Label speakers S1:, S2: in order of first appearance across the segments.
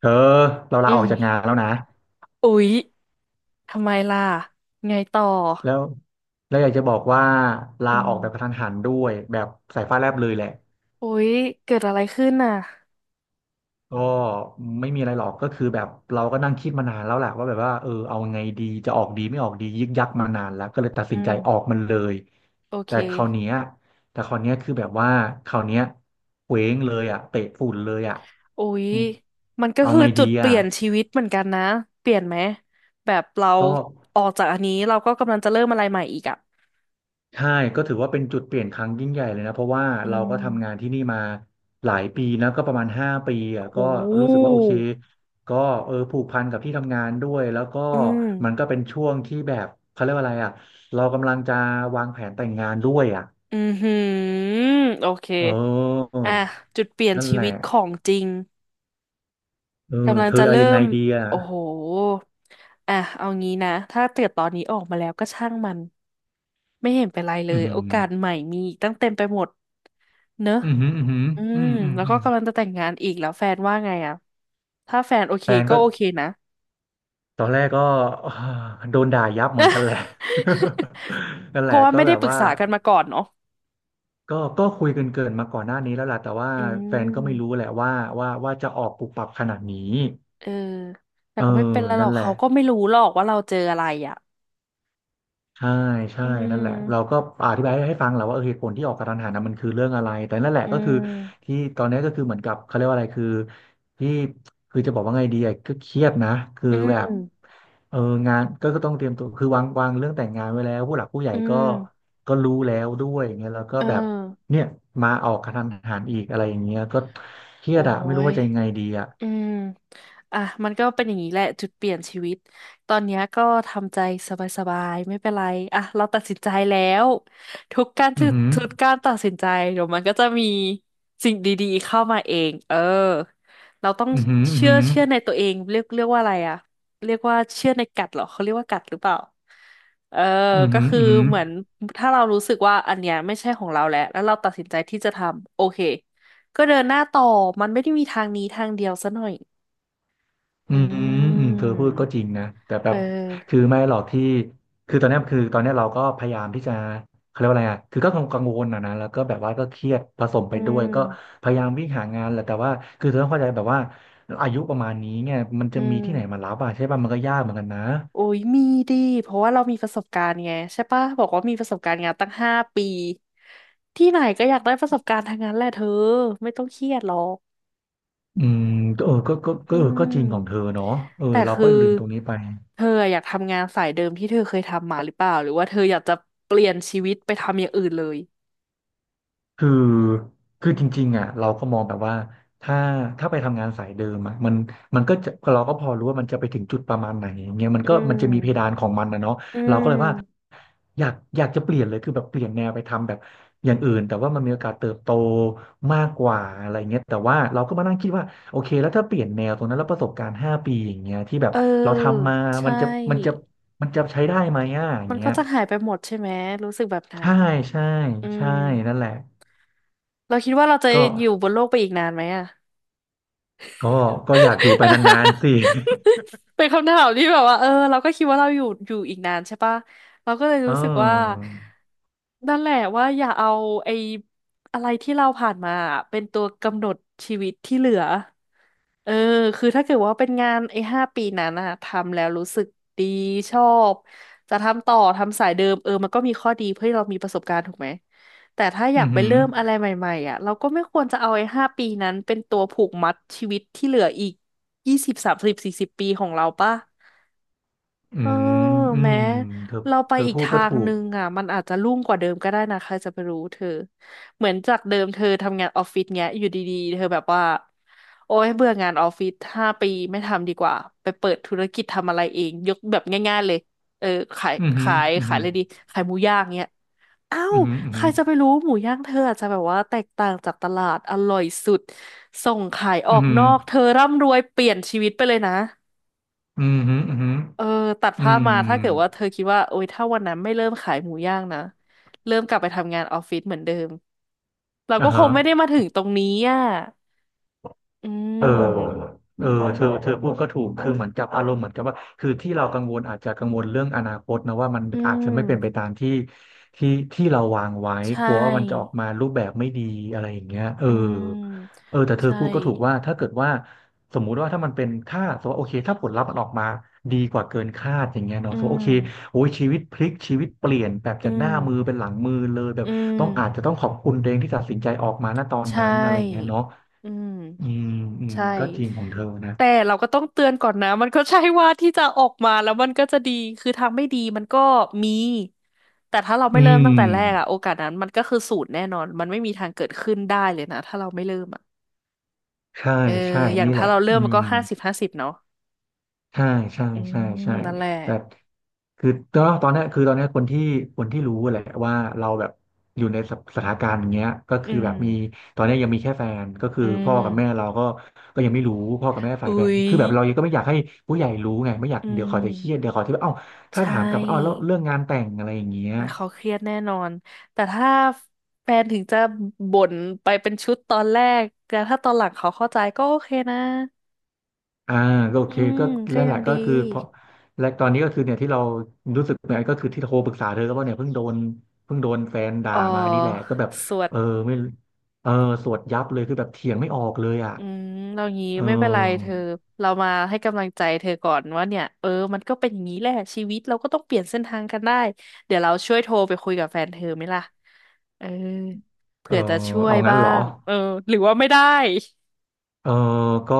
S1: เธอเรา
S2: อื
S1: ลาออกจาก
S2: ม
S1: งานแล้วนะ
S2: อุ๊ยทำไมล่ะ ไงต่อ
S1: แล้วแล้วอยากจะบอกว่าลา
S2: อื
S1: อ
S2: ม
S1: อกแบบกระทันหันด้วยแบบสายฟ้าแลบเลยแหละ
S2: อุ๊ยเกิดอะไรขึ้นน่ะ
S1: ก็ไม่มีอะไรหรอกก็คือแบบเราก็นั่งคิดมานานแล้วแหละว่าแบบว่าเออเอาไงดีจะออกดีไม่ออกดียึกยักมานานแล้วก็เลยตัด
S2: อื
S1: สินใจออ
S2: ม
S1: กมันเลย
S2: โอเค
S1: แต่คราวเนี้ยแต่คราวเนี้ยคือแบบว่าคราวเนี้ยเคว้งเลยอ่ะเตะฝุ่นเลยอ่ะ
S2: อุ๊ย
S1: อืม
S2: มันก็
S1: เอา
S2: คือ
S1: ไง
S2: จุ
S1: ดี
S2: ดเป
S1: อ่ะ
S2: ลี่ยนชีวิตเหมือนกันนะ เปลี่ยนไหมแบบเรา
S1: ก็
S2: ออกจากอันนี้เราก็กำลังจะเริ่มอะไรใหม่อีกอ่ะ
S1: ใช่ก็ถือว่าเป็นจุดเปลี่ยนครั้งยิ่งใหญ่เลยนะเพราะว่า
S2: อื
S1: เราก็ทำงาน
S2: ม
S1: ที่นี่มาหลายปีนะก็ประมาณห้าปีอ่ะ
S2: โ
S1: ก็รู้สึก
S2: ห
S1: ว่าโอเคก็เออผูกพันกับที่ทำงานด้วยแล้วก็
S2: อืม
S1: มันก็เป็นช่วงที่แบบเขาเรียกว่าอะไรอ่ะเรากำลังจะวางแผนแต่งงานด้วยอ่ะ
S2: อือหือโอเค
S1: เออ
S2: อ่ะจุดเปลี่ยน
S1: นั่น
S2: ชี
S1: แหละ
S2: วิตของจริง
S1: เออ
S2: กำลัง
S1: เธ
S2: จะ
S1: อเอา
S2: เริ่
S1: ยังไง
S2: ม
S1: ดีอ่ะ
S2: โอ้โหอ่ะเอางี้นะถ้าเกิดตอนนี้ออกมาแล้วก็ช่างมันไม่เห็นเป็นไรเล
S1: อื
S2: ยโอกาสให
S1: ม
S2: ม่มีอีกตั้งเต็มไปหมดเนอะ
S1: อืมอืมอืม
S2: อื
S1: อื
S2: ม
S1: มอืม
S2: แล้ว
S1: อื
S2: ก็
S1: ม
S2: กำลังจะแต่งงานอีกแล้วแฟนว่าไงอะถ้าแฟนโอเคก็โอเคนะ
S1: ตอนแรกก็อ่าโดนด่ายับเหมือนกันแหละ นั่น
S2: เพ
S1: แหละ
S2: ราะว่า
S1: ก็
S2: ไม่
S1: แบ
S2: ได้
S1: บ
S2: ปรึก
S1: ว่า
S2: ษากันมาก่อนเนาะ
S1: ก็คุยกันเกินมาก่อนหน้านี้แล้วล่ะแต่ว่า
S2: อื
S1: แฟนก็ไม่รู้
S2: ม
S1: แหละว่าว่าจะออกปุบปับขนาดนี้
S2: เออแต่
S1: เออ
S2: ก็ไม่เป็นไรหร
S1: นั่
S2: อ
S1: น
S2: ก
S1: แหละ
S2: เขาก็ไม่รู้หรอกว่าเราเจออะไรอ่ะ
S1: ใช่ใช่
S2: อื
S1: นั่นแหละเรา
S2: ม
S1: ก็อธิบายให้ฟังแหละว่าเออเหตุผลที่ออกกระทันหันนะมันคือเรื่องอะไรแต่นั่นแหละ
S2: อื
S1: ก็คือ
S2: ม
S1: ที่ตอนนี้ก็คือเหมือนกับเขาเรียกว่าอะไรคือที่คือจะบอกว่าไงดีอะก็เครียดนะคือ
S2: อื
S1: แบบ
S2: ม
S1: เอองานก็ต้องเตรียมตัวคือวางเรื่องแต่งงานไว้แล้วผู้หลักผู้ใหญ่
S2: อื
S1: ก็
S2: ม
S1: ก็รู้แล้วด้วยอย่างเงี้ยแล้วก็
S2: เออ
S1: แบบเนี่ยมาออกกระทันหันอีกอะไรอย่างเงี้ยก็เครีย
S2: โอ้
S1: ดอะไม่รู้
S2: ย
S1: ว่าจะยังไงดีอะ
S2: อืมอ่ะมันก็เป็นอย่างนี้แหละจุดเปลี่ยนชีวิตตอนเนี้ยก็ทำใจสบายๆไม่เป็นไรอ่ะเราตัดสินใจแล้วทุกการ
S1: อื
S2: ทุ
S1: อ
S2: ก
S1: หือ
S2: ทุกการตัดสินใจเดี๋ยวมันก็จะมีสิ่งดีๆเข้ามาเองเออเราต้อง
S1: อือหืออือ
S2: เชื่อ
S1: หือ
S2: เชื่อในตัวเองเรียกว่าอะไรอ่ะเรียกว่าเชื่อในกัดเหรอเขาเรียกว่ากัดหรือเปล่าเออ
S1: อือ
S2: ก็
S1: หือ
S2: คือ
S1: อือหือ
S2: เหมือนถ้าเรารู้สึกว่าอันเนี้ยไม่ใช่ของเราแล้วแล้วเราตัดสินใจที่จะทำโอเค ก็เดินหน้าต่อ มันไม่ได้มีทางนี้ทางเดียวซะหน่อย
S1: อื
S2: อื
S1: มอืมเธอ
S2: ม
S1: พูดก็จริงนะแต่แบ
S2: เอ
S1: บคือ
S2: อ
S1: ไม่หรอกที่คือตอนเนี้ยเราก็พยายามที่จะเขาเรียกว่าอะไรอ่ะคือก็กังวลนะแล้วก็แบบว่าก็เครียดผสมไป
S2: อื
S1: ด้วยก็
S2: ม
S1: พยายามวิ่งหางานแหละแต่ว่าคือเธอต้องเข้าใจแบบว่าอายุประมาณนี้เนี่ยมัน
S2: อื
S1: จะมีที่ไหนมา
S2: ม
S1: รับอ่ะใช่ป่ะมันก็ยากเหมือนกันนะ
S2: โอ้ยมีดิเพราะว่าเรามีประสบการณ์ไงใช่ปะบอกว่ามีประสบการณ์งานตั้งห้าปีที่ไหนก็อยากได้ประสบการณ์ทางนั้นแหละเธอไม่ต้องเครียดหรอก
S1: อืมเออก็
S2: อื
S1: เออก็จริงของเธอ
S2: ม
S1: เนาะเออ
S2: แต่
S1: เรา
S2: คือ
S1: ก็ลืมตรงนี้ไป
S2: เธออยากทำงานสายเดิมที่เธอเคยทำมาหรือเปล่าหรือว่าเธออยากจะเปลี่ยนชีวิตไปทำอย่างอื่นเลย
S1: คือคือจริงๆอ่ะเราก็มองแบบว่าถ้าถ้าไปทำงานสายเดิมอ่ะมันมันก็จะเราก็พอรู้ว่ามันจะไปถึงจุดประมาณไหนอย่างเงี้ยมันก็
S2: อื
S1: มัน
S2: ม
S1: จะมีเพดานของมันนะเนาะ
S2: อื
S1: เราก็
S2: ม
S1: เลยว่าอยากจะเปลี่ยนเลยคือแบบเปลี่ยนแนวไปทำแบบอย่างอื่นแต่ว่ามันมีโอกาสเติบโตมากกว่าอะไรเงี้ยแต่ว่าเราก็มานั่งคิดว่าโอเคแล้วถ้าเปลี่ยนแนวตรงนั้นแล้วประสบการณ์ห้าปีอย่างเงี้ยที่แบบเรา
S2: เออ
S1: ทำมา
S2: ใช
S1: มันจะมันจะ
S2: ่
S1: มันจะใช้ได้ไหมอ่ะอย่า
S2: มั
S1: ง
S2: น
S1: เงี้
S2: ก็
S1: ย
S2: จะหายไปหมดใช่ไหมรู้สึกแบบนั้
S1: ใช่
S2: น
S1: ใช่
S2: อื
S1: ใช่
S2: ม
S1: นั่นแหละ
S2: เราคิดว่าเราจะ
S1: ก็
S2: อยู่บนโลกไปอีกนานไหมอะ
S1: ก็ก็อยากอยู่ไปนาน ๆสิ
S2: เป็นคำถามที่แบบว่าเออเราก็คิดว่าเราอยู่อีกนานใช่ปะเราก็เลย
S1: เ
S2: รู้สึกว่า
S1: ออ
S2: นั่นแหละว่าอย่าเอาไอ้อะไรที่เราผ่านมาเป็นตัวกำหนดชีวิตที่เหลือ เออ คือถ้าเกิดว่าเป็นงานไอ้ห้าปีนั้นอะทำแล้วรู้สึกดีชอบจะทำต่อทำสายเดิมเออมันก็มีข้อดีเพื่อให้เรามีประสบการณ์ถูกไหมแต่ถ้าอยา
S1: อื
S2: ก
S1: อ
S2: ไป
S1: หือ
S2: เริ่มอะไรใหม่ๆอะเราก็ไม่ควรจะเอาไอ้ห้าปีนั้นเป็นตัวผูกมัดชีวิตที่เหลืออีก20 30 40 ปีของเราป่ะ
S1: อื
S2: เออ
S1: มอื
S2: แม้
S1: มเธอ
S2: เราไป
S1: เธอ
S2: อีก
S1: พูด
S2: ทา
S1: ก็
S2: ง
S1: ถูก
S2: นึงอ่ะมันอาจจะรุ่งกว่าเดิมก็ได้นะใครจะไปรู้เธอเหมือนจากเดิมเธอทำงานออฟฟิศเงี้ยอยู่ดีๆเธอแบบว่าโอ๊ยเบื่องานออฟฟิศห้าปีไม่ทำดีกว่าไปเปิดธุรกิจทำอะไรเองยกแบบง่ายๆเลยเออขาย
S1: อือหือ
S2: ขาย
S1: อือ
S2: ขาย
S1: หื
S2: อะ
S1: อ
S2: ไรดีขายหมูย่างเงี้ยอ้า
S1: อื
S2: ว
S1: อหืออือ
S2: ใค
S1: หื
S2: ร
S1: อ
S2: จะไปรู้หมูย่างเธออาจจะแบบว่าแตกต่างจากตลาดอร่อยสุดส่งขายอ
S1: อื
S2: อ
S1: อ
S2: ก
S1: หื
S2: น
S1: อ
S2: อกเธอร่ำรวยเปลี่ยนชีวิตไปเลยนะ
S1: อือหืออือหือ
S2: เออตัด
S1: อื
S2: ภาพ
S1: ม
S2: มาถ้าเกิดว่าเธอคิดว่าโอ๊ยถ้าวันนั้นไม่เริ่มขายหมูย่างนะเริ่มกลับไปทำงานออฟฟิศเหมือนเดิมเรา
S1: อ่า
S2: ก็ค
S1: ฮะ
S2: งไม่ได้มาถึงตรงนี้อ่ะอื
S1: เออ
S2: ม
S1: เออเธอพูดก็ถูกคือเหมือนกับอารมณ์เหมือนกับว่าคือที่เรากังวลอาจจะกังวลเรื่องอนาคตนะว่ามัน
S2: อื
S1: อาจจะไม่เป็นไป
S2: ม
S1: ตามที่เราวางไว้
S2: ใช
S1: กลัวว่ามันจะออ
S2: ่
S1: กมารูปแบบไม่ดีอะไรอย่างเงี้ยเออ
S2: อืม
S1: เออแต่เธอ
S2: ใช่
S1: พูดก็ถูกว่าถ้าเกิดว่าสมมุติว่าถ้ามันเป็นค่าสมมติว่าโอเคถ้าผลลัพธ์มันออกมาดีกว่าเกินคาดอย่างเงี้ยเนาะ
S2: อื
S1: สมมติว่า
S2: ม
S1: โอเคโอ้ยชีวิตพลิกชีวิตเปลี่ยนแบบ
S2: อื
S1: จากห
S2: ม
S1: น้ามือเป็นหลังมือเลยแบบ
S2: อื
S1: ต้องอาจจะ
S2: ม
S1: ต้องขอบคุณตัวเองที่ตัดสินใจออกมาณตอน
S2: ใช
S1: นั้นอะไรอย่างเงี้ย
S2: ่
S1: เนาะ
S2: อืม
S1: อืมอืม
S2: ใช่
S1: ก็จริงของเธอนะ
S2: แต่เราก็ต้องเตือนก่อนนะมันก็ใช่ว่าที่จะออกมาแล้วมันก็จะดีคือทางไม่ดีมันก็มีแต่ถ้าเรา
S1: อื
S2: ไม่เริ่ม
S1: ม
S2: ตั้งแต่แรกอะโอกาสนั้นมันก็คือศูนย์แน่นอนมันไม่มีทางเกิดขึ้นได้เลยนะถ้าเราไม่เริ่มอะ
S1: ใช่
S2: เออ
S1: ใช่
S2: อย่าง
S1: นี่แห
S2: ถ้า
S1: ละ
S2: เราเริ่
S1: อื
S2: มมัน
S1: ม
S2: ก็50 50เนาะ
S1: ใช่ใช่
S2: อื
S1: ใช่
S2: ม
S1: ใช่
S2: นั่นแหละ
S1: แต่คือก็ตอนเนี้ยคนที่รู้แหละว่าเราแบบอยู่ในสสถานการณ์อย่างเงี้ยก็
S2: อื
S1: คือ
S2: ม
S1: แบบมีตอนเนี้ยยังมีแค่แฟนก็คื
S2: อื
S1: อพ่อกับแม่
S2: ม
S1: เราก็ก็ยังไม่รู้พ่อกับแม่ฝ่า
S2: อุ้
S1: ยแฟน
S2: ย
S1: คือแบบเรายังก็ไม่อยากให้ผู้ใหญ่รู้ไงไม่อยาก
S2: อื
S1: เดี๋ยว
S2: ม
S1: เขาจะเครียดเดี๋ยวเขาจะแบบเอ้า
S2: ใช
S1: ถ้าถามกลับว่าเอ้าแล้ว
S2: ่
S1: เรื่องงานแต่งอะไรอย่างเงี้ย
S2: อ่ะเขาเครียดแน่นอน แต่ถ้าแฟนถึงจะบ่นไปเป็นชุดตอนแรกแต่ถ้าตอนหลังเขาเข้าใจก็โอเคนะ
S1: อ่าก็โอ
S2: อื
S1: เค
S2: ม
S1: ก็
S2: ก็
S1: นั่นแห
S2: ยัง
S1: ละ
S2: ดี
S1: ก็คือเพราะและตอนนี้ก็คือเนี่ยที่เรารู้สึกเนี่ยก็คือที่โทรปรึกษาเธอก็เพราะเนี่ยเพิ่งโดนแฟนด่า
S2: เอ
S1: มานี่แหละ
S2: อ
S1: ก็แบบ
S2: สวด
S1: เออไม่เออสวดยับเลยคือแบบเถียงไม่ออกเลยอ่ะ
S2: อืมเรางี้
S1: เ
S2: ไม่เป็นไรเธ
S1: ออ
S2: อเรามาให้กำลังใจเธอก่อนว่าเนี่ยเออมันก็เป็นอย่างนี้แหละชีวิตเราก็ต้องเปลี่ยนเส้นทางกันได้เดี๋ยวเราช่วยโทรไปคุยกับแฟนเธอไหมล่ะเออ
S1: เอ
S2: เผื่อจะ
S1: อ
S2: ช่วย
S1: เอางั้น
S2: บ้า
S1: เหรอ
S2: งเออหรือว่าไม่ได้
S1: เออก็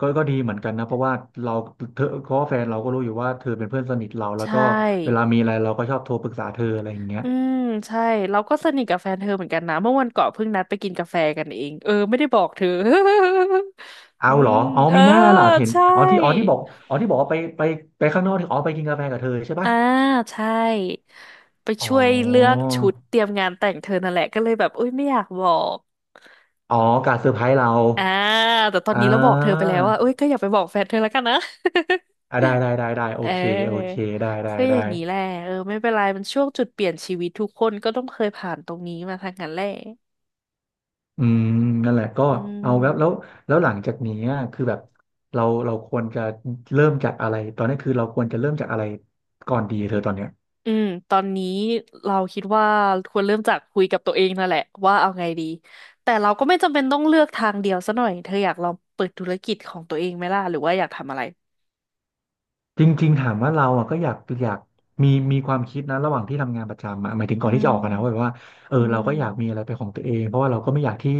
S1: ก็ดีเหมือนกันนะเพราะว่าเราเธอเพราะว่าแฟนเราก็รู้อยู่ว่าเธอเป็นเพื่อนสนิทเราแล้
S2: ใช
S1: วก็เวลา
S2: ่
S1: มีอะไรเราก็ชอบโทรปรึกษาเธออะไรอย่างเงี้ย
S2: อืมใช่เราก็สนิทกับแฟนเธอเหมือนกันนะเมื่อวันก่อนเพิ่งนัดไปกินกาแฟกันเองเออไม่ได้บอกเธอ
S1: เอา
S2: อื
S1: เหรอ
S2: ม
S1: อ๋อ
S2: เออ
S1: ไม่น่าล่ะเห็น
S2: ใช่
S1: อ๋อที่บอกอ๋อที่บอกว่าไปข้างนอกที่อ๋อไปกินกาแฟกับเธอใช่ปะ
S2: อ่าใช่ไป
S1: อ๋
S2: ช่วยเลือก
S1: อ
S2: ชุดเตรียมงานแต่งเธอนั่นแหละก็เลยแบบอุ้ยไม่อยากบอก
S1: อ๋อการเซอร์ไพรส์เรา
S2: อ่าแต่ตอน
S1: อ่
S2: นี้เราบอกเธอไปแล้
S1: า
S2: วว่าเอ้ยก็อย่าไปบอกแฟนเธอแล้วกันนะ
S1: อ่ะได้โอ
S2: เ
S1: เคโอเค
S2: ออก็อ
S1: ได้
S2: ย่างนี้แหละเออไม่เป็นไรมันช่วงจุดเปลี่ยนชีวิตทุกคนก็ต้องเคยผ่านตรงนี้มาทางนั้นแหละ
S1: อืมนั่นแหละก็
S2: อื
S1: เอาแล้ว
S2: ม
S1: แล้วหลังจากนี้อะคือแบบเราควรจะเริ่มจากอะไรตอนนี้คือเราควรจะเริ่มจากอะไรก่อนดีเธอตอนเนี้ย
S2: อืมตอนนี้เราคิดว่าควรเริ่มจากคุยกับตัวเองนั่นแหละว่าเอาไงดีแต่เราก็ไม่จำเป็นต้องเลือกทางเดียวซะหน่อยเธออยากลองเปิดธุรกิจของตัวเองไหมล่ะหรือว่าอยากทำอะไร
S1: จริงๆถามว่าเราอ่ะก็อยากอยากมีความคิดนะระหว่างที่ทำงานประจำอะหมายถึง
S2: อื
S1: ก่อนที่จะออกอะนะว่าแบบ
S2: ม
S1: ว่าเออ
S2: อื
S1: เราก็อยากมีอะ
S2: ม
S1: ไรเป็นของตัวเองเพราะว่าเราก็ไม่อยากที่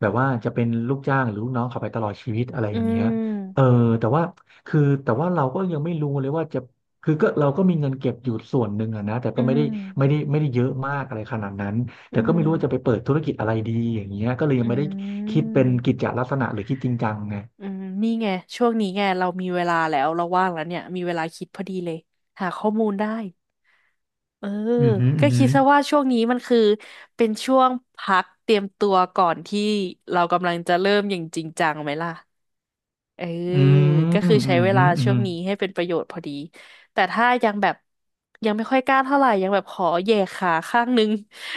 S1: แบบว่าจะเป็นลูกจ้างหรือลูกน้องเขาไปตลอดชีวิตอะไรอ
S2: อื
S1: ย่างเงี้ยเออ
S2: ม
S1: แต่ว่าคือแต่ว่าเราก็ยังไม่รู้เลยว่าจะคือก็เราก็มีเงินเก็บอยู่ส่วนหนึ่งอะนะแต่
S2: อื
S1: ก็
S2: ม
S1: ไม่ได้เยอะมากอะไรขนาดนั้น
S2: อื
S1: แต่ก็ไม่
S2: ม
S1: รู้ว่าจะไปเปิดธุรกิจอะไรดีอย่างเงี้ยก็เลยยัง
S2: อื
S1: ไม่ได้คิด
S2: ม
S1: เป็นกิจจลักษณะหรือคิดจริงจังไง
S2: อืมนี่ไงช่วงนี้ไงเรามีเวลาแล้วเราว่างแล้วเนี่ยมีเวลาคิดพอดีเลยหาข้อมูลได้ เออ
S1: อืมอหืมอ
S2: ก็
S1: อื
S2: คิ
S1: ม
S2: ดซะว่าช่วงนี้มันคือเป็นช่วงพักเตรียมตัวก่อนที่เรากำลังจะเริ่มอย่างจริงจังไหมล่ะ เออ
S1: อหือ
S2: ก็
S1: อื
S2: คือ
S1: อื
S2: ใช้
S1: ม
S2: เว
S1: อื
S2: ลา
S1: มอื
S2: ช่
S1: ม
S2: วงนี้ให้เป็นประโยชน์พอดี แต่ถ้ายังแบบยังไม่ค่อยกล้าเท่าไหร่ยังแบบขอแหย่ขาข้างนึง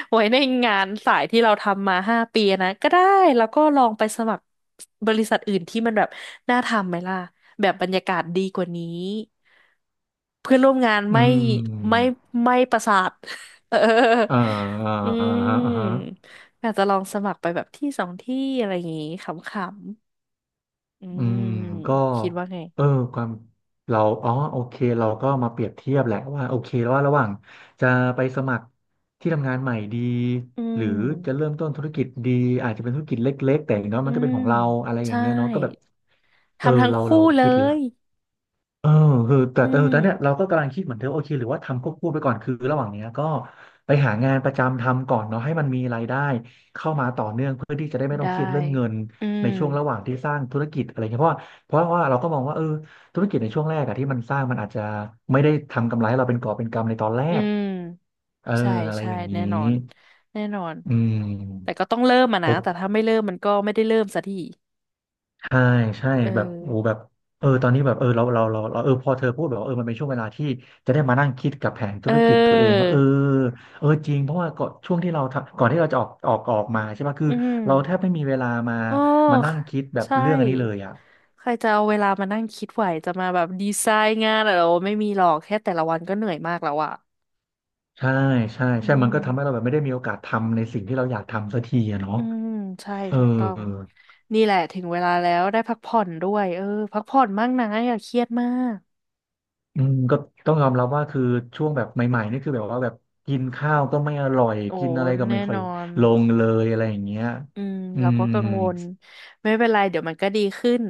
S2: ไว้ในงานสายที่เราทำมา5 ปีนะก็ได้แล้วก็ลองไปสมัครบริษัทอื่นที่มันแบบน่าทำไหมล่ะแบบบรรยากาศดีกว่านี้เพื่อนร่วมงาน
S1: อื
S2: ไม่
S1: ม
S2: ไม่ประสาท เออ
S1: อ่าอ่า
S2: อื
S1: อ่าฮะ
S2: มอาจจะลองสมัครไปแบบที่สองที่อะไรอย่างงี้ขำๆ อื
S1: อื
S2: ม
S1: มก็
S2: คิดว่าไง
S1: เออความเราอ๋อโอเคเราก็มาเปรียบเทียบแหละว่าโอเคว่าระหว่างจะไปสมัครที่ทำงานใหม่ดี
S2: อื
S1: หรือจะ
S2: ม
S1: เริ่มต้นธุรกิจดี อาจจะเป็นธุรกิจเล็กๆแต่อย่างน้อย
S2: อื
S1: มันก็เป็น
S2: ม
S1: ของเราอะไรอย่าง
S2: ใช่
S1: เงี้ยเนาะก็แบบเออ
S2: ทำทั้ง
S1: เรา
S2: คู่เล
S1: คิดและ
S2: ย
S1: เออคือแต่
S2: อื
S1: เออ
S2: ม
S1: แตอนเนี้ยเราก็กำลังคิดเหมือนเธอโอเคหรือว่าทำควบคู่ไปก่อนคือระหว่างเนี้ยก็ไปหางานประจำทำก่อนเนาะให้มันมีรายได้เข้ามาต่อเนื่องเพื่อที่จะได้ไม่ต้อ
S2: ได้
S1: งเครียดเรื่องเงิน
S2: อื
S1: ใน
S2: ม
S1: ช่วงระหว่างที่สร้างธุรกิจอะไรเงี้ยเพราะว่าเราก็มองว่าเออธุรกิจในช่วงแรกอะที่มันสร้างมันอาจจะไม่ได้ทำกำไรให้เราเป็นกอบเป็นกำในตอนแร
S2: อื
S1: ก
S2: ม
S1: เออ
S2: ใช่
S1: อะไร
S2: ใช่
S1: อย่างนี้
S2: แน่นอนแน่นอน
S1: อื
S2: แต่
S1: ม
S2: ก็ต้องเริ่มอะนะแต่
S1: โอ
S2: ถ้าไม่เริ่มมันก็ไม่ได้เริ่มสักที
S1: ใช่ใช่
S2: เออ
S1: แบบโอ้แบบเออตอนนี้แบบเออเราเออพอเธอพูดแบบว่าเออมันเป็นช่วงเวลาที่จะได้มานั่งคิดกับแผนธุ
S2: เอ
S1: รกิจตัวเอง
S2: อ
S1: ว่าเออเออจริงเพราะว่าก่อนช่วงที่เราทำก่อนที่เราจะออกมาใช่ปะคือ
S2: อืม
S1: เราแทบไม่มีเวลา
S2: โอ้
S1: มานั่ง
S2: ค่ะ
S1: คิดแบบ
S2: ใช่
S1: เรื่องอันนี้เลยอ่ะ
S2: ใครจะเอาเวลามานั่งคิดไหวจะมาแบบดีไซน์งานอะไรโอไม่มีหรอกแค่แต่ละวันก็เหนื่อยมากแล้วอะ
S1: ใช่
S2: อื
S1: ใช่มันก็ทำให้เราแบ
S2: ม
S1: บไม่ได้มีโอกาสทำในสิ่งที่เราอยากทำสักทีอะเนาะ
S2: อืมใช่
S1: เออ
S2: ถูกต้องนี่แหละถึงเวลาแล้วได้พักผ่อนด้วยเออพักผ่อนบ้างนะอย่าเครียดมาก
S1: อืมก็ต้องยอมรับว่าคือช่วงแบบใหม่ๆนี่คือแบบว่าแบบกินข้าวก็ไม่อร่อย
S2: โอ้
S1: กินอะไรก็ไม่
S2: แน่
S1: ค่อ
S2: น
S1: ย
S2: อน
S1: ลงเลยอะไรอย่างเงี้ย
S2: อืม
S1: อื
S2: เราก็
S1: ม
S2: กังวลไม่เป็นไรเดี๋ยวมันก็ดีขึ้น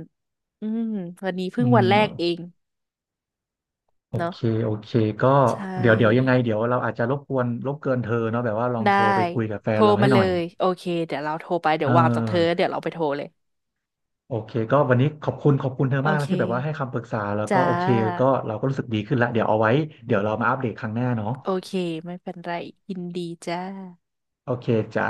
S2: อืมวันนี้เพิ่ง
S1: อื
S2: วันแรกเอ
S1: ม
S2: ง
S1: โอ
S2: เนาะ
S1: เคโอเคก็
S2: ใช
S1: เดี๋ยวยัง
S2: ่
S1: ไงเดี๋ยวเราอาจจะรบกวนรบเกินเธอเนาะแบบว่าลอง
S2: ได้
S1: โทรไปคุยกับแฟ
S2: โทร
S1: นเราให้
S2: มา
S1: ห
S2: เล
S1: น่อย
S2: ยโอเคเดี๋ยวเราโทรไปเดี๋ย
S1: เอ
S2: ววางจากเธอ
S1: อ
S2: เดี๋ยวเราไปโทรเลย
S1: โอเคก็วันนี้ขอบคุณเธอ
S2: โอ
S1: มาก
S2: เค
S1: นะที่แบบว่าให้คำปรึกษาแล้ว
S2: จ้
S1: ก็โอเคก็
S2: า
S1: เราก็รู้สึกดีขึ้นละเดี๋ยวเอาไว้เดี๋ยวเรามาอัปเดตครั้งหน้าเนาะ
S2: โอเคไม่เป็นไรยินดีจ้า
S1: โอเคจ้า